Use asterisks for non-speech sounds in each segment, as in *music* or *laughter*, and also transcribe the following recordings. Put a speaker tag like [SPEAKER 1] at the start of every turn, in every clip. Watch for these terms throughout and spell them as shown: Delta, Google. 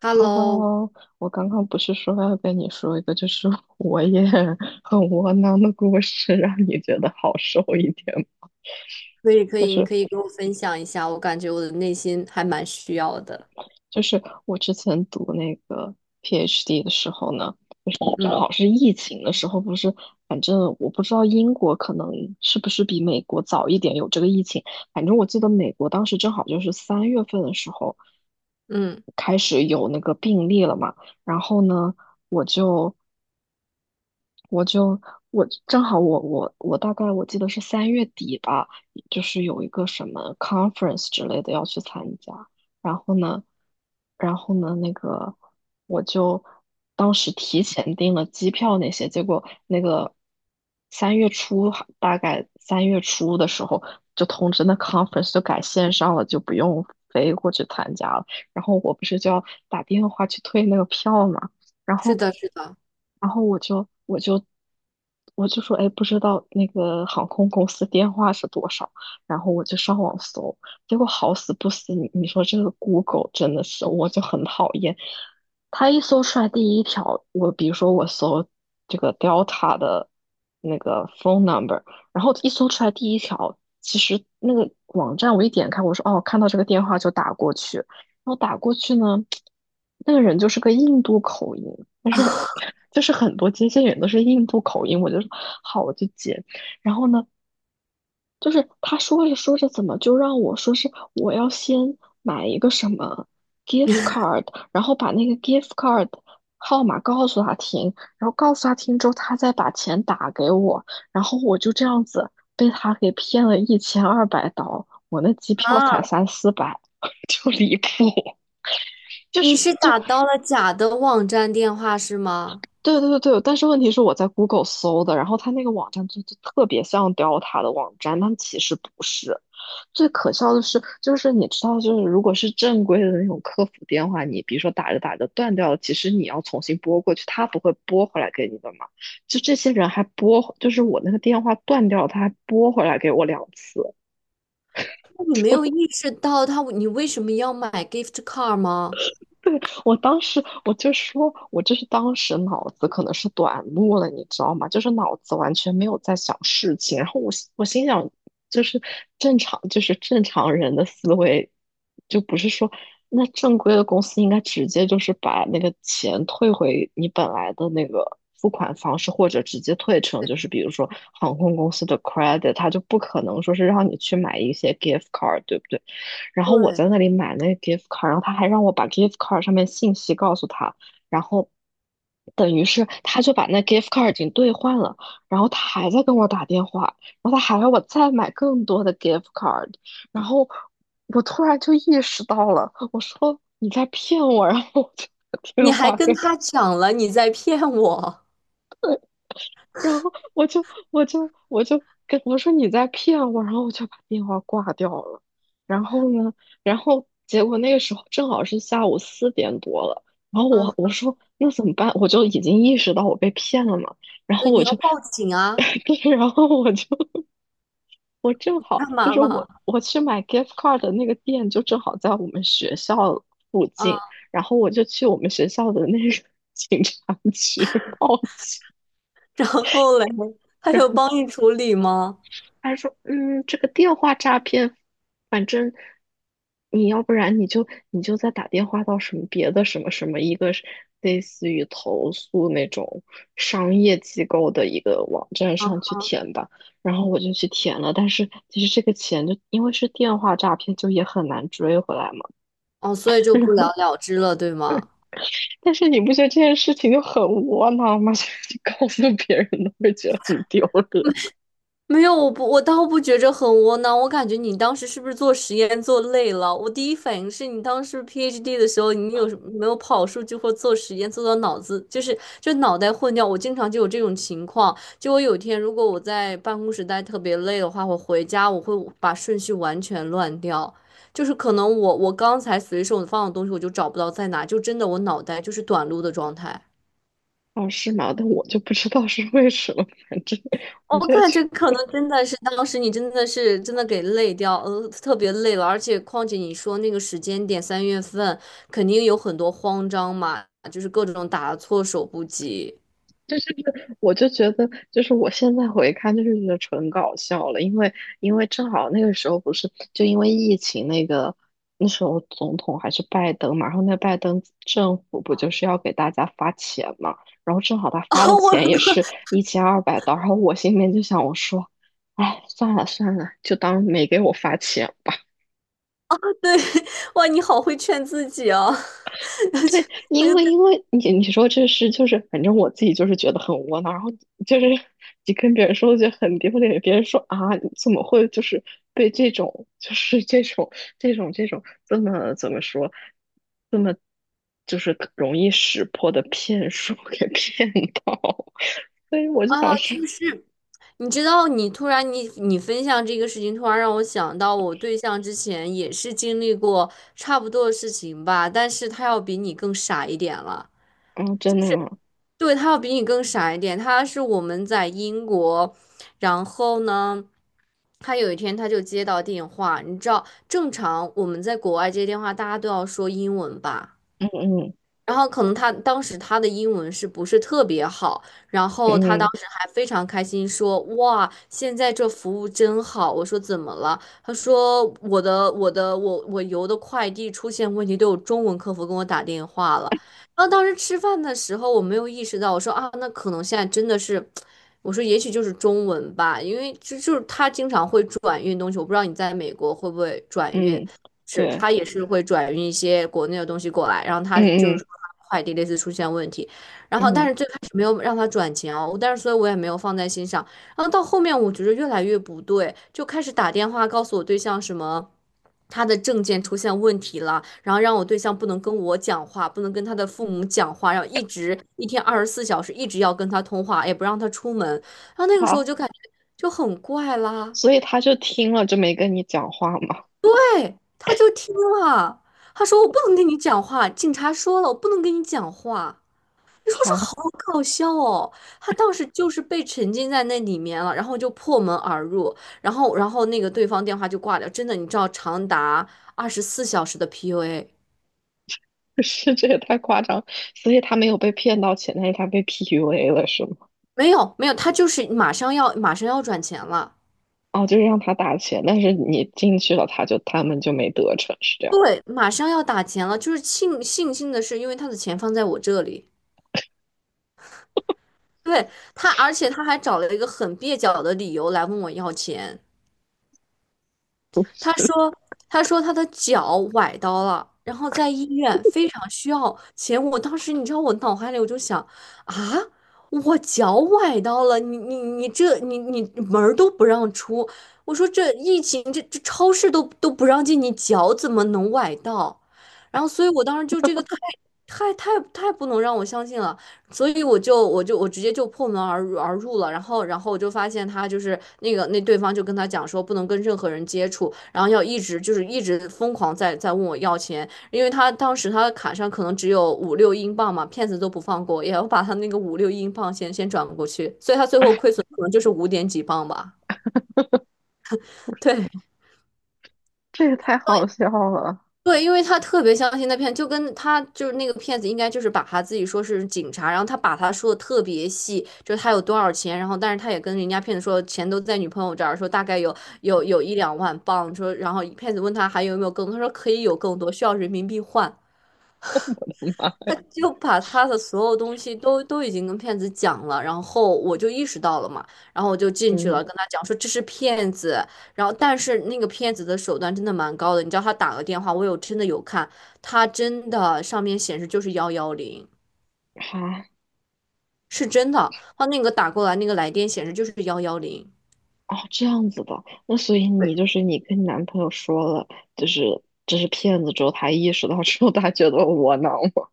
[SPEAKER 1] Hello,
[SPEAKER 2] Hello，我刚刚不是说要跟你说一个，就是 *laughs* 我也很窝囊的故事，让你觉得好受一点吗？
[SPEAKER 1] 可以可
[SPEAKER 2] 就
[SPEAKER 1] 以，你
[SPEAKER 2] 是
[SPEAKER 1] 可以跟我分享一下，我感觉我的内心还蛮需要的。
[SPEAKER 2] 就是我之前读那个 PhD 的时候呢，正
[SPEAKER 1] 嗯
[SPEAKER 2] 好是疫情的时候，不是，反正我不知道英国可能是不是比美国早一点有这个疫情，反正我记得美国当时正好就是三月份的时候。
[SPEAKER 1] 嗯，
[SPEAKER 2] 开始有那个病例了嘛，然后呢，我就我就我正好我我我大概我记得是三月底吧，就是有一个什么 conference 之类的要去参加，然后呢，然后呢那个我就当时提前订了机票那些，结果那个三月初还大概三月初的时候就通知那 conference 就改线上了，就不用飞过去参加了，然后我不是就要打电话去退那个票嘛。然
[SPEAKER 1] 是
[SPEAKER 2] 后，
[SPEAKER 1] 的，是的。
[SPEAKER 2] 然后我说，哎，不知道那个航空公司电话是多少，然后我就上网搜，结果好死不死，你说这个 Google 真的是，我就很讨厌，它一搜出来第一条，我比如说我搜这个 Delta 的那个 phone number，然后一搜出来第一条，其实那个网站我一点开，我说哦，看到这个电话就打过去。然后打过去呢，那个人就是个印度口音，但是我 *laughs* 就是很多接线员都是印度口音，我就说好，我就接。然后呢，就是他说着说着，怎么就让我说是我要先买一个什么 gift
[SPEAKER 1] *laughs*
[SPEAKER 2] card，然后把那个 gift card 号码告诉他听，然后告诉他听之后，他再把钱打给我，然后我就这样子被他给骗了一千二百刀，我那机票才
[SPEAKER 1] 啊，
[SPEAKER 2] 三四百，*laughs* 就离谱。就
[SPEAKER 1] 你
[SPEAKER 2] 是
[SPEAKER 1] 是
[SPEAKER 2] 就
[SPEAKER 1] 打到了假的网站电话是吗？
[SPEAKER 2] 对对对对，但是问题是我在 Google 搜的，然后他那个网站特别像雕塔的网站，但其实不是。最可笑的是，就是你知道，就是如果是正规的那种客服电话，你比如说打着打着断掉了，其实你要重新拨过去，他不会拨回来给你的嘛。就这些人还拨，就是我那个电话断掉了，他还拨回来给我2次。
[SPEAKER 1] 那你没有意识到他，你为什么要买 gift card 吗？
[SPEAKER 2] 我当时我就说，我就是当时脑子可能是短路了，你知道吗？就是脑子完全没有在想事情，然后我想，就是正常，就是正常人的思维，就不是说那正规的公司应该直接就是把那个钱退回你本来的那个付款方式，或者直接退成就是比如说航空公司的 credit，它就不可能说是让你去买一些 gift card，对不对？然后我
[SPEAKER 1] 对，
[SPEAKER 2] 在那里买那个 gift card，然后他还让我把 gift card 上面信息告诉他，然后等于是他就把那 gift card 已经兑换了，然后他还在跟我打电话，然后他还要我再买更多的 gift card，然后我突然就意识到了，我说你在骗我，然后我
[SPEAKER 1] 你
[SPEAKER 2] 就
[SPEAKER 1] 还
[SPEAKER 2] 把电话
[SPEAKER 1] 跟他讲了你在骗我。
[SPEAKER 2] 然后我就我就我就跟我说你在骗我，然后我就把电话挂掉了。然后呢，然后结果那个时候正好是下午4点多了，然后
[SPEAKER 1] 啊，
[SPEAKER 2] 我我说那怎么办？我就已经意识到我被骗了嘛，然后
[SPEAKER 1] 对，
[SPEAKER 2] 我
[SPEAKER 1] 你要
[SPEAKER 2] 就，
[SPEAKER 1] 报警啊？
[SPEAKER 2] *laughs* 对，然后我就
[SPEAKER 1] 干
[SPEAKER 2] 就
[SPEAKER 1] 嘛
[SPEAKER 2] 是
[SPEAKER 1] 了？
[SPEAKER 2] 我我去买 gift card 的那个店就正好在我们学校附近，
[SPEAKER 1] 啊，
[SPEAKER 2] 然后我就去我们学校的那个 *laughs* 警察局报警。
[SPEAKER 1] 然后嘞，他有帮你处理吗？
[SPEAKER 2] 他说：“嗯，这个电话诈骗，反正你要不然你就再打电话到什么别的什么什么一个是类似于投诉那种商业机构的一个网站
[SPEAKER 1] 啊，
[SPEAKER 2] 上去填吧。”然后我就去填了，但是其实这个钱就因为是电话诈骗，就也很难追回来嘛。
[SPEAKER 1] 哦，所以就不了
[SPEAKER 2] *laughs*
[SPEAKER 1] 了之了，对吗？
[SPEAKER 2] 但是你不觉得这件事情就很窝囊吗？*laughs* 就是你告诉别人都会觉得很丢脸。
[SPEAKER 1] 没有，我不，我倒不觉着很窝囊。我感觉你当时是不是做实验做累了？我第一反应是你当时 PhD 的时候，你有什没有跑数据或做实验做到脑子就是就脑袋混掉？我经常就有这种情况。就我有一天如果我在办公室待特别累的话，我回家我会把顺序完全乱掉，就是可能我刚才随手放的东西我就找不到在哪，就真的我脑袋就是短路的状态。
[SPEAKER 2] *laughs* 哦，是吗？但我就不知道是为什么，反正
[SPEAKER 1] 我
[SPEAKER 2] 我就
[SPEAKER 1] 感觉
[SPEAKER 2] 觉
[SPEAKER 1] 可能真的是当时你真的是真的给累掉，特别累了，而且况且你说那个时间点三月份，肯定有很多慌张嘛，就是各种打措手不及。
[SPEAKER 2] 我就觉得，就是我现在回看，就是觉得纯搞笑了，因为因为正好那个时候不是就因为疫情那个那时候总统还是拜登嘛，然后那拜登政府不就是要给大家发钱嘛，然后正好他
[SPEAKER 1] *laughs* 啊，
[SPEAKER 2] 发的
[SPEAKER 1] 我
[SPEAKER 2] 钱也
[SPEAKER 1] 都
[SPEAKER 2] 是一千二百刀，然后我心里面就想，我说，哎，算了算了，就当没给我发钱吧。
[SPEAKER 1] 对，哇，你好会劝自己啊。*laughs*
[SPEAKER 2] 对，
[SPEAKER 1] 我
[SPEAKER 2] 因
[SPEAKER 1] 就
[SPEAKER 2] 为
[SPEAKER 1] 对
[SPEAKER 2] 你说这是就是，反正我自己就是觉得很窝囊，然后就是你跟别人说就很丢脸，别人说啊，你怎么会就是被这种这种这么怎么说，这么就是容易识破的骗术给骗到，*laughs* 所以我就
[SPEAKER 1] 啊，
[SPEAKER 2] 想说，
[SPEAKER 1] 就是。你知道，你突然分享这个事情，突然让我想到，我对象之前也是经历过差不多的事情吧，但是他要比你更傻一点了。
[SPEAKER 2] 嗯，真的吗？
[SPEAKER 1] 对，他要比你更傻一点。他是我们在英国，然后呢，他有一天他就接到电话，你知道，正常我们在国外接电话，大家都要说英文吧？
[SPEAKER 2] 嗯嗯，
[SPEAKER 1] 然后可能他当时他的英文是不是特别好，然后他当
[SPEAKER 2] 嗯
[SPEAKER 1] 时还非常开心说："哇，现在这服务真好。"我说："怎么了？"他说："我邮的快递出现问题，都有中文客服跟我打电话了。"然后当时吃饭的时候我没有意识到，我说："啊，那可能现在真的是，我说也许就是中文吧，因为就是他经常会转运东西，我不知道你在美国会不会转运。"
[SPEAKER 2] 嗯，
[SPEAKER 1] 是，
[SPEAKER 2] 对，
[SPEAKER 1] 他也是会转运一些国内的东西过来，然后他就
[SPEAKER 2] 嗯
[SPEAKER 1] 是说
[SPEAKER 2] 嗯
[SPEAKER 1] 他快递类似出现问题，然后但
[SPEAKER 2] 嗯，
[SPEAKER 1] 是最开始没有让他转钱哦，但是所以我也没有放在心上，然后到后面我觉得越来越不对，就开始打电话告诉我对象什么。他的证件出现问题了，然后让我对象不能跟我讲话，不能跟他的父母讲话，然后一直一天二十四小时一直要跟他通话，也不让他出门，然后那个时候我
[SPEAKER 2] 好，
[SPEAKER 1] 就感觉就很怪啦。
[SPEAKER 2] 所以他就听了就没跟你讲话嘛。
[SPEAKER 1] 对，他就听了，他说我不能跟你讲话，警察说了我不能跟你讲话。你说这
[SPEAKER 2] 好。
[SPEAKER 1] 好搞笑哦！他当时就是被沉浸在那里面了，然后就破门而入，然后那个对方电话就挂掉。真的，你知道长达二十四小时的 PUA,
[SPEAKER 2] *laughs* 是，这也太夸张，所以他没有被骗到钱，但是他被 PUA 了，是吗？
[SPEAKER 1] 没有没有，他就是马上要转钱了，
[SPEAKER 2] 哦，就是让他打钱，但是你进去了，他们就没得逞，是这样吗。
[SPEAKER 1] 对，马上要打钱了。就是庆庆幸的是，因为他的钱放在我这里，对他，而且他还找了一个很蹩脚的理由来问我要钱。他说，他说他的脚崴到了，然后在医院非常需要钱。我当时你知道，我脑海里我就想啊，我脚崴到了，你你你这你你门儿都不让出。我说这疫情这超市都不让进，你脚怎么能崴到？然后，所以我当时就这个太不能让我相信了。所以我直接就破门而入了，然后我就发现他就是那个那对方就跟他讲说不能跟任何人接触，然后要一直就是一直疯狂在问我要钱，因为他当时他的卡上可能只有五六英镑嘛，骗子都不放过，也要把他那个五六英镑先转过去，所以他最后亏损可能就是五点几镑吧。
[SPEAKER 2] *laughs*
[SPEAKER 1] *laughs* 对。
[SPEAKER 2] 这也太好笑了，
[SPEAKER 1] 对，因为他特别相信那骗子，就跟他就是那个骗子，应该就是把他自己说是警察，然后他把他说的特别细，就是他有多少钱，然后但是他也跟人家骗子说钱都在女朋友这儿，说大概有一两万镑，说然后骗子问他还有没有更多，他说可以有更多，需要人民币换，
[SPEAKER 2] *laughs*
[SPEAKER 1] 他就把他的所有东西都已经跟骗子讲了，然后我就意识到了嘛，然后我就进去
[SPEAKER 2] 嗯，
[SPEAKER 1] 了，跟他讲说这是骗子，然后但是那个骗子的手段真的蛮高的，你知道他打个电话，我有真的有看，他真的上面显示就是幺幺零，
[SPEAKER 2] 好，
[SPEAKER 1] 是真的，他那个打过来那个来电显示就是幺幺零。
[SPEAKER 2] 哦，这样子的，那所以你就是你跟你男朋友说了，就是这是骗子之后，他意识到之后，他觉得窝囊吗？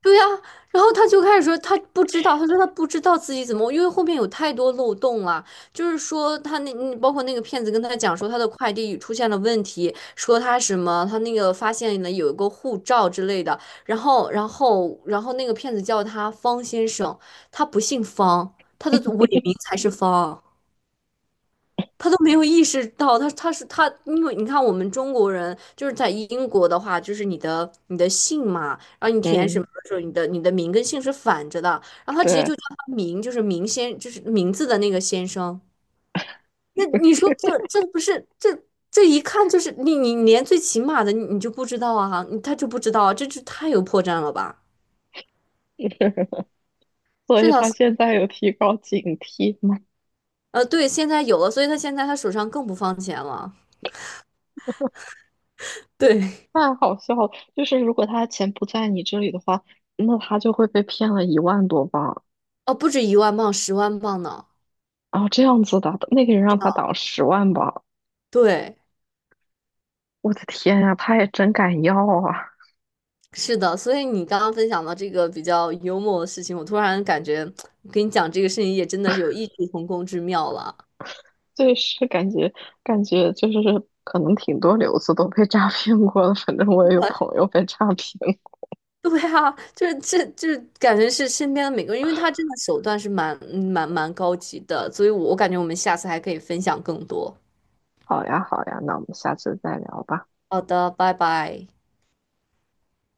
[SPEAKER 1] 对呀、然后他就开始说他不知道，他说他不知道自己怎么，因为后面有太多漏洞了，就是说他那包括那个骗子跟他讲说他的快递出现了问题，说他什么他那个发现了有一个护照之类的，然后那个骗子叫他方先生，他不姓方，他的伪名才是方。他都没有意识到，他，因为你看我们中国人就是在英国的话，就是你的姓嘛，然后你填什
[SPEAKER 2] 嗯，
[SPEAKER 1] 么的时候，你的名跟姓是反着的，然后他直接
[SPEAKER 2] 对，
[SPEAKER 1] 就叫他名，就是名先，就是名字的那个先生。那你说这不是这一看就是你你连最起码的你你就不知道啊，你他就不知道啊这就太有破绽了吧？
[SPEAKER 2] *laughs* 所
[SPEAKER 1] 是
[SPEAKER 2] 以
[SPEAKER 1] 的，
[SPEAKER 2] 他现在有提高警惕吗？
[SPEAKER 1] 对，现在有了，所以他现在他手上更不放钱了。对，
[SPEAKER 2] 太好笑了！就是如果他的钱不在你这里的话，那他就会被骗了1万多镑。
[SPEAKER 1] 哦，不止一万镑，十万镑呢。
[SPEAKER 2] 啊，这样子的，那个人让他挡10万吧！
[SPEAKER 1] 对。
[SPEAKER 2] 我的天呀，他也真敢要啊！
[SPEAKER 1] 是的，所以你刚刚分享到这个比较幽默的事情，我突然感觉跟你讲这个事情也真的是有异曲同工之妙了。
[SPEAKER 2] 对，是感觉就是可能挺多留子都被诈骗过了，反正我也有朋友被诈骗过。
[SPEAKER 1] *laughs* 对啊，就是这就是感觉是身边的每个人，因为他真的手段是蛮高级的，所以我感觉我们下次还可以分享更多。
[SPEAKER 2] 好呀，好呀，那我们下次再聊吧。
[SPEAKER 1] 好的，拜拜。